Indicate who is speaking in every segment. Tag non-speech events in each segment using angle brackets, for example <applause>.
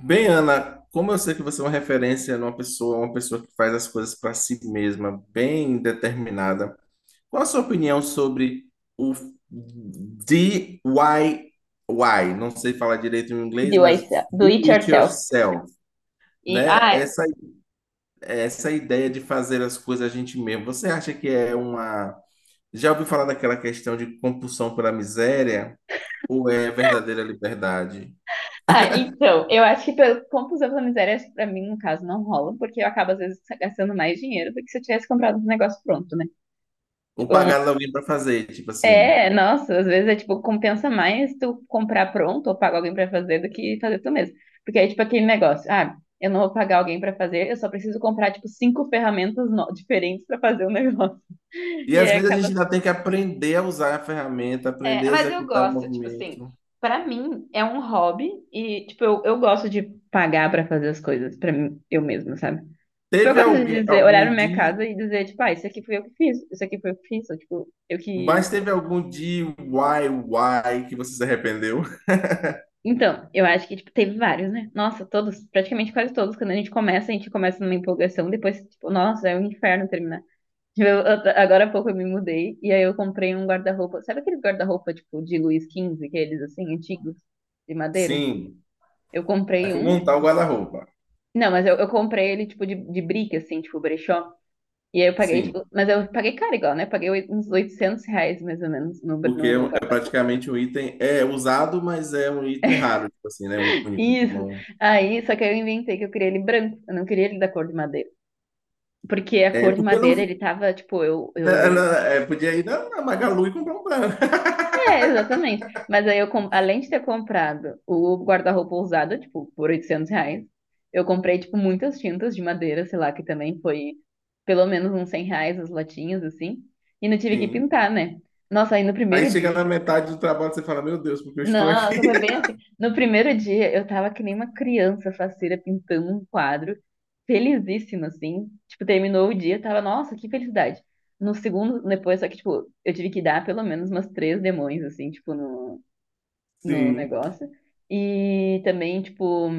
Speaker 1: Bem, Ana, como eu sei que você é uma referência numa pessoa, uma pessoa que faz as coisas para si mesma, bem determinada, qual a sua opinião sobre o DIY? Não sei falar direito em inglês,
Speaker 2: Do,
Speaker 1: mas
Speaker 2: yourself- do
Speaker 1: do
Speaker 2: it
Speaker 1: it
Speaker 2: yourself.
Speaker 1: yourself,
Speaker 2: E,
Speaker 1: né? Essa ideia de fazer as coisas a gente mesmo. Você acha que é uma... Já ouviu falar daquela questão de compulsão pela miséria? Ou é verdadeira liberdade?
Speaker 2: então, eu acho que pelo compulsão pela miséria, acho que pra mim, no caso, não rola, porque eu acabo, às vezes, gastando mais dinheiro do que se eu tivesse comprado um negócio pronto, né?
Speaker 1: Ou
Speaker 2: Tipo, eu não-
Speaker 1: pagar alguém para fazer, tipo assim...
Speaker 2: é, nossa, às vezes é tipo, compensa mais tu comprar pronto ou pagar alguém pra fazer do que fazer tu mesmo. Porque aí, tipo, aquele negócio, eu não vou pagar alguém pra fazer, eu só preciso comprar, tipo, cinco ferramentas diferentes pra fazer o negócio. <laughs>
Speaker 1: E
Speaker 2: E
Speaker 1: às
Speaker 2: aí
Speaker 1: vezes a gente
Speaker 2: acaba.
Speaker 1: ainda tem que aprender a usar a ferramenta,
Speaker 2: É,
Speaker 1: aprender a
Speaker 2: mas eu
Speaker 1: executar o
Speaker 2: gosto, tipo assim,
Speaker 1: movimento.
Speaker 2: pra mim é um hobby e, tipo, eu gosto de pagar pra fazer as coisas pra mim, eu mesma, sabe? Eu
Speaker 1: Teve
Speaker 2: gosto de
Speaker 1: alguém,
Speaker 2: dizer, olhar
Speaker 1: algum
Speaker 2: pra minha
Speaker 1: dia,
Speaker 2: casa e dizer, tipo, isso aqui foi eu que fiz, isso aqui foi eu que fiz, ou, tipo, eu que.
Speaker 1: mas teve algum DIY que você se arrependeu? <laughs>
Speaker 2: Então, eu acho que, tipo, teve vários, né? Nossa, todos, praticamente quase todos, quando a gente começa numa empolgação, depois, tipo, nossa, é um inferno terminar. Tipo, agora há pouco eu me mudei e aí eu comprei um guarda-roupa. Sabe aqueles guarda-roupa, tipo, de Luís XV, aqueles assim, antigos, de madeira?
Speaker 1: Sim.
Speaker 2: Eu
Speaker 1: Aí
Speaker 2: comprei
Speaker 1: fui
Speaker 2: um.
Speaker 1: montar o guarda-roupa.
Speaker 2: Não, mas eu comprei ele, tipo, de brick, assim, tipo, brechó. E aí eu paguei, tipo...
Speaker 1: Sim.
Speaker 2: Mas eu paguei caro igual, né? Paguei uns R$ 800, mais ou menos,
Speaker 1: Porque
Speaker 2: no
Speaker 1: é
Speaker 2: guarda-roupa.
Speaker 1: praticamente um item, é usado, mas é um item raro, tipo assim, né? Um
Speaker 2: <laughs>
Speaker 1: único.
Speaker 2: Isso.
Speaker 1: Bom.
Speaker 2: Aí, só que aí eu inventei que eu queria ele branco. Eu não queria ele da cor de madeira. Porque a
Speaker 1: É,
Speaker 2: cor de
Speaker 1: porque
Speaker 2: madeira,
Speaker 1: não,
Speaker 2: ele tava, tipo, eu.
Speaker 1: ela, é, podia ir na, Magalu e comprar um branco. <laughs>
Speaker 2: É, exatamente. Mas aí eu, além de ter comprado o guarda-roupa usado, tipo, por R$ 800, eu comprei, tipo, muitas tintas de madeira, sei lá, que também foi pelo menos uns R$ 100 as latinhas, assim. E não tive que
Speaker 1: Sim.
Speaker 2: pintar, né? Nossa, aí no
Speaker 1: Aí
Speaker 2: primeiro
Speaker 1: chega
Speaker 2: dia.
Speaker 1: na metade do trabalho, e você fala, meu Deus, porque eu estou
Speaker 2: Nossa,
Speaker 1: aqui?
Speaker 2: foi bem assim. No primeiro dia eu tava que nem uma criança faceira pintando um quadro, felizíssima, assim. Tipo, terminou o dia, tava, nossa, que felicidade. No segundo, depois, só que, tipo, eu tive que dar pelo menos umas três demões, assim, tipo, no
Speaker 1: <laughs>
Speaker 2: no
Speaker 1: Sim.
Speaker 2: negócio. E também, tipo,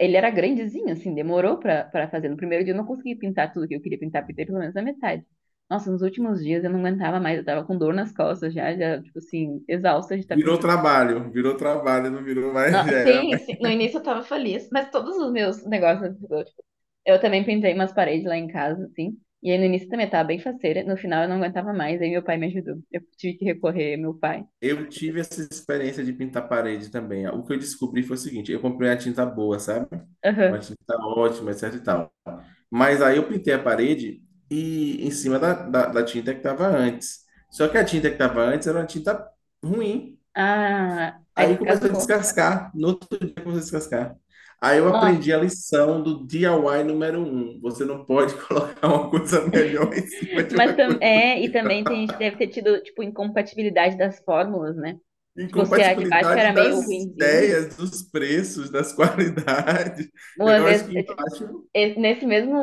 Speaker 2: ele era grandezinho, assim, demorou pra, pra fazer. No primeiro dia eu não consegui pintar tudo que eu queria pintar, pintei pelo menos na metade. Nossa, nos últimos dias eu não aguentava mais, eu tava com dor nas costas já, já, tipo assim, exausta de estar pintando.
Speaker 1: Virou trabalho, não virou mais, <laughs>
Speaker 2: No-
Speaker 1: já era
Speaker 2: sim,
Speaker 1: mais.
Speaker 2: sim, no início eu tava feliz, mas todos os meus negócios, tipo, eu também pintei umas paredes lá em casa, assim, e aí no início também eu tava bem faceira, no final eu não aguentava mais, aí meu pai me ajudou. Eu tive que recorrer ao meu pai.
Speaker 1: Eu tive essa experiência de pintar parede também. O que eu descobri foi o seguinte, eu comprei uma tinta boa, sabe? Uma
Speaker 2: Aham.
Speaker 1: tinta ótima, etc e tal. Mas aí eu pintei a parede e em cima da, da tinta que estava antes. Só que a tinta que estava antes era uma tinta ruim.
Speaker 2: Ah, aí
Speaker 1: Aí começou a
Speaker 2: descascou.
Speaker 1: descascar, no outro dia começou a descascar. Aí eu
Speaker 2: Nossa.
Speaker 1: aprendi a lição do DIY número um. Você não pode <laughs> colocar uma coisa melhor em cima de
Speaker 2: Mas
Speaker 1: uma coisa.
Speaker 2: é, e também tem gente que deve ter tido, tipo, incompatibilidade das fórmulas, né? Tipo, se a de baixo era
Speaker 1: Incompatibilidade
Speaker 2: meio
Speaker 1: das
Speaker 2: ruinzinha.
Speaker 1: ideias, dos preços, das <laughs> qualidades.
Speaker 2: Uma
Speaker 1: Eu acho
Speaker 2: vez,
Speaker 1: que
Speaker 2: é,
Speaker 1: embaixo.
Speaker 2: nesse mesmo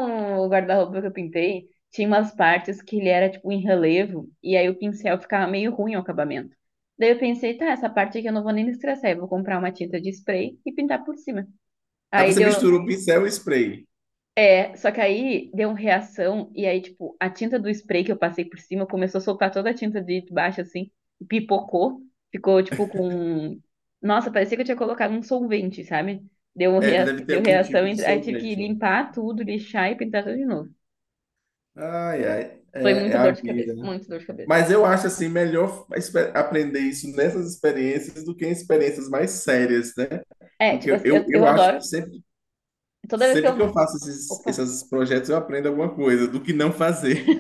Speaker 2: guarda-roupa que eu pintei, tinha umas partes que ele era, tipo, em relevo, e aí o pincel ficava meio ruim o acabamento. Daí eu pensei, tá, essa parte aqui eu não vou nem me estressar, eu vou comprar uma tinta de spray e pintar por cima.
Speaker 1: Aí
Speaker 2: Aí
Speaker 1: você
Speaker 2: deu.
Speaker 1: mistura o pincel e spray.
Speaker 2: É, só que aí deu uma reação, e aí, tipo, a tinta do spray que eu passei por cima começou a soltar toda a tinta de baixo, assim, e pipocou. Ficou, tipo, com um... Nossa, parecia que eu tinha colocado um solvente, sabe? Deu uma
Speaker 1: É, deve ter
Speaker 2: deu
Speaker 1: algum
Speaker 2: reação,
Speaker 1: tipo de
Speaker 2: aí tive que
Speaker 1: solvente, né?
Speaker 2: limpar tudo, lixar e pintar tudo de novo.
Speaker 1: Ai, ai,
Speaker 2: Foi
Speaker 1: é, é
Speaker 2: muita dor
Speaker 1: a
Speaker 2: de
Speaker 1: vida,
Speaker 2: cabeça,
Speaker 1: né?
Speaker 2: muita dor de cabeça.
Speaker 1: Mas eu acho assim melhor aprender isso nessas experiências do que em experiências mais sérias, né?
Speaker 2: É,
Speaker 1: Porque
Speaker 2: tipo, assim,
Speaker 1: eu,
Speaker 2: eu
Speaker 1: eu acho que
Speaker 2: adoro.
Speaker 1: sempre,
Speaker 2: Toda vez que
Speaker 1: sempre
Speaker 2: eu.
Speaker 1: que eu faço esses,
Speaker 2: Opa!
Speaker 1: projetos eu aprendo alguma coisa do que não fazer.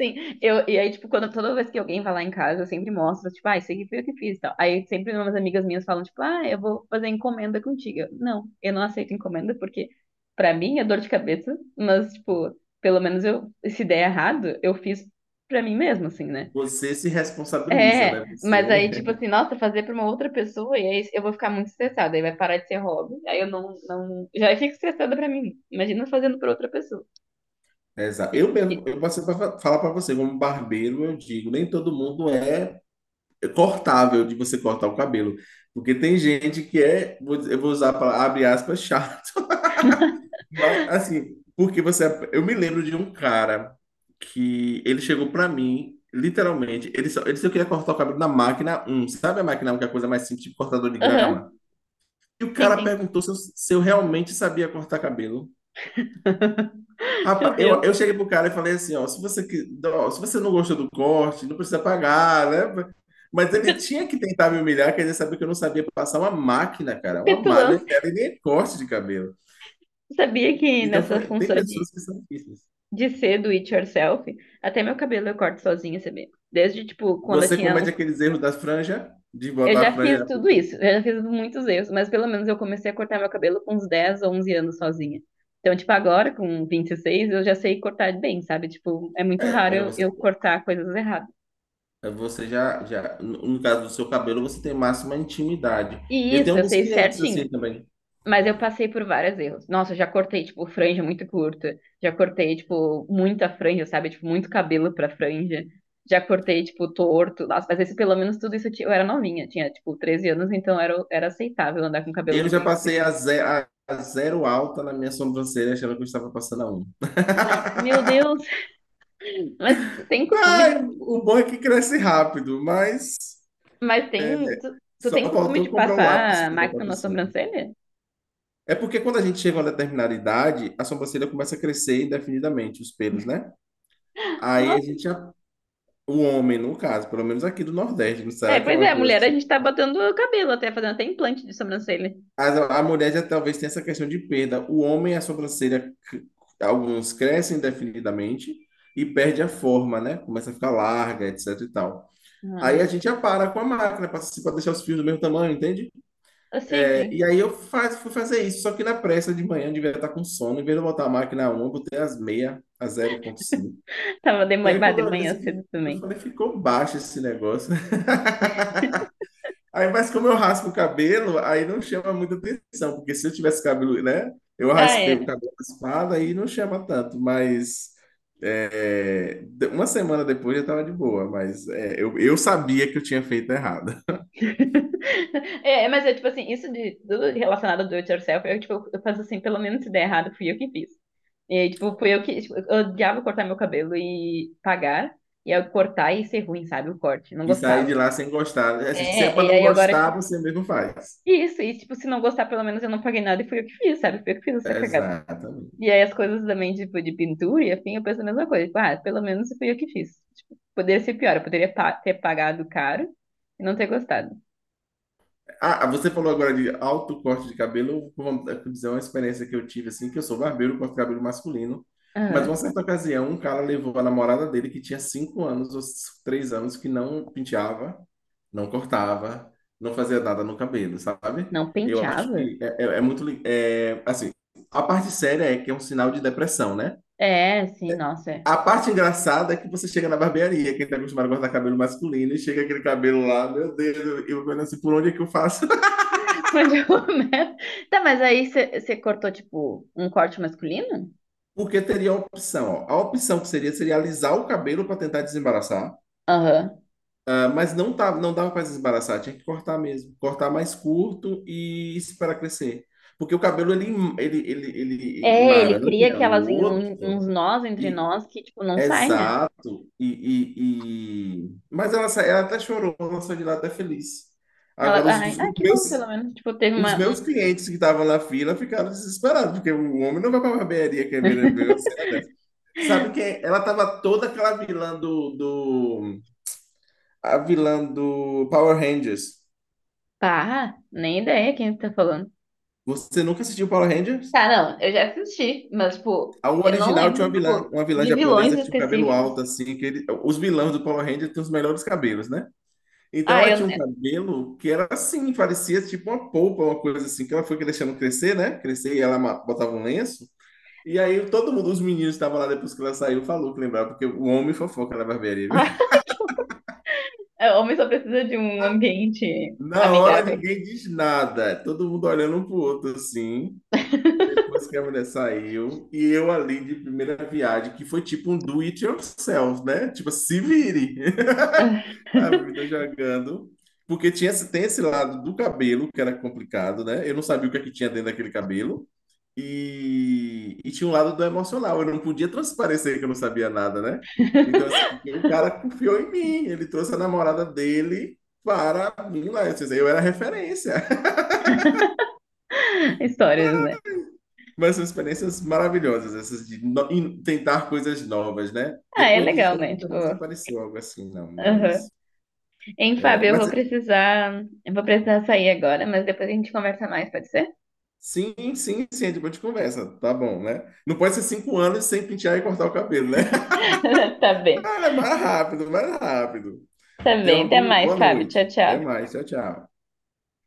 Speaker 2: Sim, eu, e aí, tipo, quando, toda vez que alguém vai lá em casa, eu sempre mostro, tipo, ah, isso aqui foi o que fiz e tal. Aí sempre umas amigas minhas falam, tipo, ah, eu vou fazer encomenda contigo. Eu não aceito encomenda porque, pra mim, é dor de cabeça, mas, tipo, pelo menos eu, se der errado, eu fiz pra mim mesmo, assim, né?
Speaker 1: Você se responsabiliza, né?
Speaker 2: É, mas aí,
Speaker 1: Você...
Speaker 2: tipo assim, nossa, fazer pra uma outra pessoa, e aí eu vou ficar muito estressada, aí vai parar de ser hobby, aí eu não, não, já fico estressada pra mim. Imagina fazendo pra outra pessoa.
Speaker 1: Exato.
Speaker 2: E-
Speaker 1: Eu mesmo,
Speaker 2: e-
Speaker 1: eu passei para falar para você, como barbeiro, eu digo, nem todo mundo é cortável de você cortar o cabelo, porque tem gente que é, eu vou usar para abre aspas, chato, mas assim, porque você, é, eu me lembro de um cara que ele chegou para mim, literalmente, ele só, ele disse que eu queria cortar o cabelo na máquina um, sabe, a máquina 1, que é a coisa mais simples, tipo cortador de grama?
Speaker 2: Aham,
Speaker 1: E o
Speaker 2: sim,
Speaker 1: cara
Speaker 2: sim.
Speaker 1: perguntou se eu, realmente sabia cortar cabelo.
Speaker 2: <laughs> Meu
Speaker 1: Rapaz, eu,
Speaker 2: Deus,
Speaker 1: eu cheguei pro cara e falei assim, ó, se você, que- ó, se você não gostou do corte, não precisa pagar, né? Mas ele tinha que tentar me humilhar, quer dizer, saber que eu não sabia passar uma máquina,
Speaker 2: que
Speaker 1: cara, uma máquina,
Speaker 2: petulância.
Speaker 1: e nem é corte de cabelo.
Speaker 2: Sabia que
Speaker 1: Então,
Speaker 2: nessa
Speaker 1: tem
Speaker 2: função
Speaker 1: pessoas que são difíceis.
Speaker 2: de ser do it yourself, até meu cabelo eu corto sozinha, sabia? Desde, tipo, quando eu
Speaker 1: Você
Speaker 2: tinha
Speaker 1: comete
Speaker 2: uns.
Speaker 1: aqueles erros da franja, de
Speaker 2: Eu
Speaker 1: botar a
Speaker 2: já fiz
Speaker 1: franja...
Speaker 2: tudo isso, eu já fiz muitos erros, mas pelo menos eu comecei a cortar meu cabelo com uns 10 ou 11 anos sozinha. Então, tipo, agora, com 26 eu já sei cortar bem, sabe? Tipo, é muito raro
Speaker 1: Você,
Speaker 2: eu cortar coisas erradas.
Speaker 1: você já, no caso do seu cabelo, você tem máxima intimidade.
Speaker 2: E
Speaker 1: Eu
Speaker 2: isso,
Speaker 1: tenho
Speaker 2: eu
Speaker 1: alguns
Speaker 2: sei
Speaker 1: clientes assim
Speaker 2: certinho.
Speaker 1: também.
Speaker 2: Mas eu passei por vários erros. Nossa, eu já cortei, tipo, franja muito curta. Já cortei, tipo, muita franja, sabe? Tipo, muito cabelo pra franja. Já cortei, tipo, torto. Nossa, mas esse, pelo menos tudo isso eu, eu era novinha. Tinha, tipo, 13 anos, então era, era aceitável andar com
Speaker 1: Eu
Speaker 2: cabelo
Speaker 1: já
Speaker 2: feio.
Speaker 1: passei a, a zero alta na minha sobrancelha, achando que eu estava passando a um.
Speaker 2: Meu Deus! <laughs> Mas tu tem costume
Speaker 1: Ai,
Speaker 2: de...
Speaker 1: o bom é que cresce rápido, mas
Speaker 2: Mas tem... Tu, tu
Speaker 1: só
Speaker 2: tem costume
Speaker 1: faltou
Speaker 2: de
Speaker 1: comprar um lápis
Speaker 2: passar
Speaker 1: para botar
Speaker 2: máquina
Speaker 1: por
Speaker 2: na
Speaker 1: cima.
Speaker 2: sobrancelha?
Speaker 1: É porque quando a gente chega a uma determinada idade, a sobrancelha começa a crescer indefinidamente, os pelos, né? Aí a
Speaker 2: Nossa.
Speaker 1: gente, o homem, no caso, pelo menos aqui do Nordeste, não
Speaker 2: É,
Speaker 1: será que é
Speaker 2: pois
Speaker 1: uma
Speaker 2: é,
Speaker 1: coisa
Speaker 2: mulher, a
Speaker 1: assim?
Speaker 2: gente tá botando cabelo até, fazendo até implante de sobrancelha.
Speaker 1: Mas a mulher já talvez tenha essa questão de perda. O homem, a sobrancelha, alguns crescem indefinidamente e perde a forma, né? Começa a ficar larga, etc e tal. Aí a gente já para com a máquina para deixar os fios do mesmo tamanho, entende?
Speaker 2: Ah, sim,
Speaker 1: É,
Speaker 2: sim.
Speaker 1: e aí eu fui fazer isso, só que na pressa de manhã eu devia estar com sono, em vez de eu botar a máquina a 1, eu botei as meia a 0,5.
Speaker 2: Tava de
Speaker 1: E
Speaker 2: manhã,
Speaker 1: aí
Speaker 2: bah,
Speaker 1: quando
Speaker 2: de
Speaker 1: eu olhei
Speaker 2: manhã
Speaker 1: assim,
Speaker 2: cedo
Speaker 1: eu
Speaker 2: também.
Speaker 1: falei, ficou baixo esse negócio. <laughs> Aí, mas como eu raspo o cabelo, aí não chama muita atenção, porque se eu tivesse cabelo, né? Eu
Speaker 2: Ah,
Speaker 1: raspei o
Speaker 2: é.
Speaker 1: cabelo raspado, aí não chama tanto, mas é, uma semana depois eu tava de boa, mas é, eu sabia que eu tinha feito errado.
Speaker 2: <laughs> É, mas é tipo assim, isso de tudo relacionado ao do it yourself, eu, tipo, eu faço assim, pelo menos se der errado, fui eu que fiz. E aí, tipo, fui eu que, tipo, eu odiava cortar meu cabelo e pagar, e eu cortar e ser ruim, sabe, o corte, não
Speaker 1: E saí
Speaker 2: gostava.
Speaker 1: de lá sem gostar, né? Assim, se é para
Speaker 2: É, e
Speaker 1: não
Speaker 2: aí agora,
Speaker 1: gostar,
Speaker 2: tipo,
Speaker 1: você mesmo faz.
Speaker 2: isso, e tipo, se não gostar, pelo menos eu não paguei nada e fui eu que fiz, sabe, fui eu que fiz essa cagada.
Speaker 1: Exatamente.
Speaker 2: E aí as coisas também, tipo, de pintura e afim, eu penso a mesma coisa, tipo, ah, pelo menos fui eu que fiz. Tipo, poderia ser pior, eu poderia ter pagado caro e não ter gostado.
Speaker 1: Ah, ah, você falou agora de alto corte de cabelo. Vamos, vou dizer uma experiência que eu tive, assim, que eu sou barbeiro, corto cabelo masculino. Mas
Speaker 2: Aham.
Speaker 1: uma certa ocasião, um cara levou a namorada dele, que tinha 5 anos ou 3 anos, que não penteava, não cortava, não fazia nada no cabelo, sabe?
Speaker 2: Não
Speaker 1: Eu acho
Speaker 2: penteava?
Speaker 1: que é, é muito. É, assim, a parte séria é que é um sinal de depressão, né?
Speaker 2: É, sim, nossa. É.
Speaker 1: A parte engraçada é que você chega na barbearia, quem tá acostumado a cortar cabelo masculino, e chega aquele cabelo lá, meu Deus, eu vendo assim, por onde é que eu faço? <laughs>
Speaker 2: <laughs> Mas eu começo- Tá, mas aí você cortou, tipo, um corte masculino?
Speaker 1: Porque teria a opção, ó. A opção que seria, seria alisar o cabelo para tentar desembaraçar.
Speaker 2: Aham.
Speaker 1: Ah, mas não tá, não dava para desembaraçar, tinha que cortar mesmo, cortar mais curto e esperar crescer. Porque o cabelo ele ele
Speaker 2: É, ele cria
Speaker 1: emaranha no
Speaker 2: aquelas,
Speaker 1: outro
Speaker 2: uns nós entre
Speaker 1: e
Speaker 2: nós que, tipo, não sai, né?
Speaker 1: exato e, mas ela ela até chorou, ela saiu de lá até feliz.
Speaker 2: Ela,
Speaker 1: Agora
Speaker 2: ai,
Speaker 1: os
Speaker 2: que bom, pelo
Speaker 1: meus
Speaker 2: menos, tipo, teve
Speaker 1: Os
Speaker 2: uma,
Speaker 1: meus
Speaker 2: um...
Speaker 1: clientes que estavam na fila ficaram desesperados, porque o homem não vai pra barbearia que ver, uma cena dessa. Sabe quem? Ela tava toda aquela vilã do, do... A vilã do Power Rangers.
Speaker 2: Pá, nem ideia quem tá falando.
Speaker 1: Você nunca assistiu Power Rangers?
Speaker 2: Tá, não, eu já assisti, mas, tipo,
Speaker 1: A o
Speaker 2: eu não
Speaker 1: original tinha
Speaker 2: lembro, tipo,
Speaker 1: uma vilã
Speaker 2: de vilões
Speaker 1: japonesa que tinha o cabelo
Speaker 2: específicos.
Speaker 1: alto, assim, os vilões do Power Rangers têm os melhores cabelos, né? Então
Speaker 2: Ah,
Speaker 1: ela tinha
Speaker 2: eu...
Speaker 1: um cabelo que era assim, parecia tipo uma polpa, uma coisa assim, que ela foi deixando crescer, né? Crescer e ela botava um lenço. E aí todo mundo, os meninos que estavam lá depois que ela saiu, falou que lembrava, porque o homem fofoca na barbearia, viu?
Speaker 2: <laughs> O homem só precisa de um ambiente
Speaker 1: Na hora
Speaker 2: amigável.
Speaker 1: ninguém diz nada, todo mundo olhando um pro outro assim, depois que a mulher saiu, e eu ali de primeira viagem, que foi tipo um do it yourself, né? Tipo, se vire,
Speaker 2: <laughs>
Speaker 1: <laughs> a vida jogando. Porque tinha, tem esse lado do cabelo que era complicado, né? Eu não sabia o que é que tinha dentro daquele cabelo. E tinha um lado do emocional, eu não podia transparecer que eu não sabia nada, né? Então, assim, porque o cara
Speaker 2: <laughs>
Speaker 1: confiou em mim, ele trouxe a namorada dele para mim lá. Eu, disse, eu era referência. <laughs>
Speaker 2: Histórias, né?
Speaker 1: Mas são experiências maravilhosas, essas de tentar coisas novas, né?
Speaker 2: Ah, é
Speaker 1: Depois disso,
Speaker 2: legal,
Speaker 1: aí
Speaker 2: né?
Speaker 1: nunca
Speaker 2: Tipo,
Speaker 1: mais apareceu algo assim, não.
Speaker 2: aham.
Speaker 1: Mas,
Speaker 2: Hein,
Speaker 1: é,
Speaker 2: Fábio, eu vou
Speaker 1: mas
Speaker 2: precisar, eu vou precisar sair agora, mas depois a gente conversa mais, pode ser?
Speaker 1: sim, sim, sim, depois de conversa, tá bom, né? Não pode ser 5 anos sem pentear e cortar o cabelo, né? <laughs>
Speaker 2: <laughs> Tá bem.
Speaker 1: Ah, é mais rápido, mais rápido.
Speaker 2: Tá
Speaker 1: Tenha
Speaker 2: bem.
Speaker 1: uma
Speaker 2: Até
Speaker 1: boa
Speaker 2: mais,
Speaker 1: boa
Speaker 2: Fábio.
Speaker 1: noite.
Speaker 2: Tchau,
Speaker 1: Até
Speaker 2: tchau.
Speaker 1: mais. Tchau, tchau.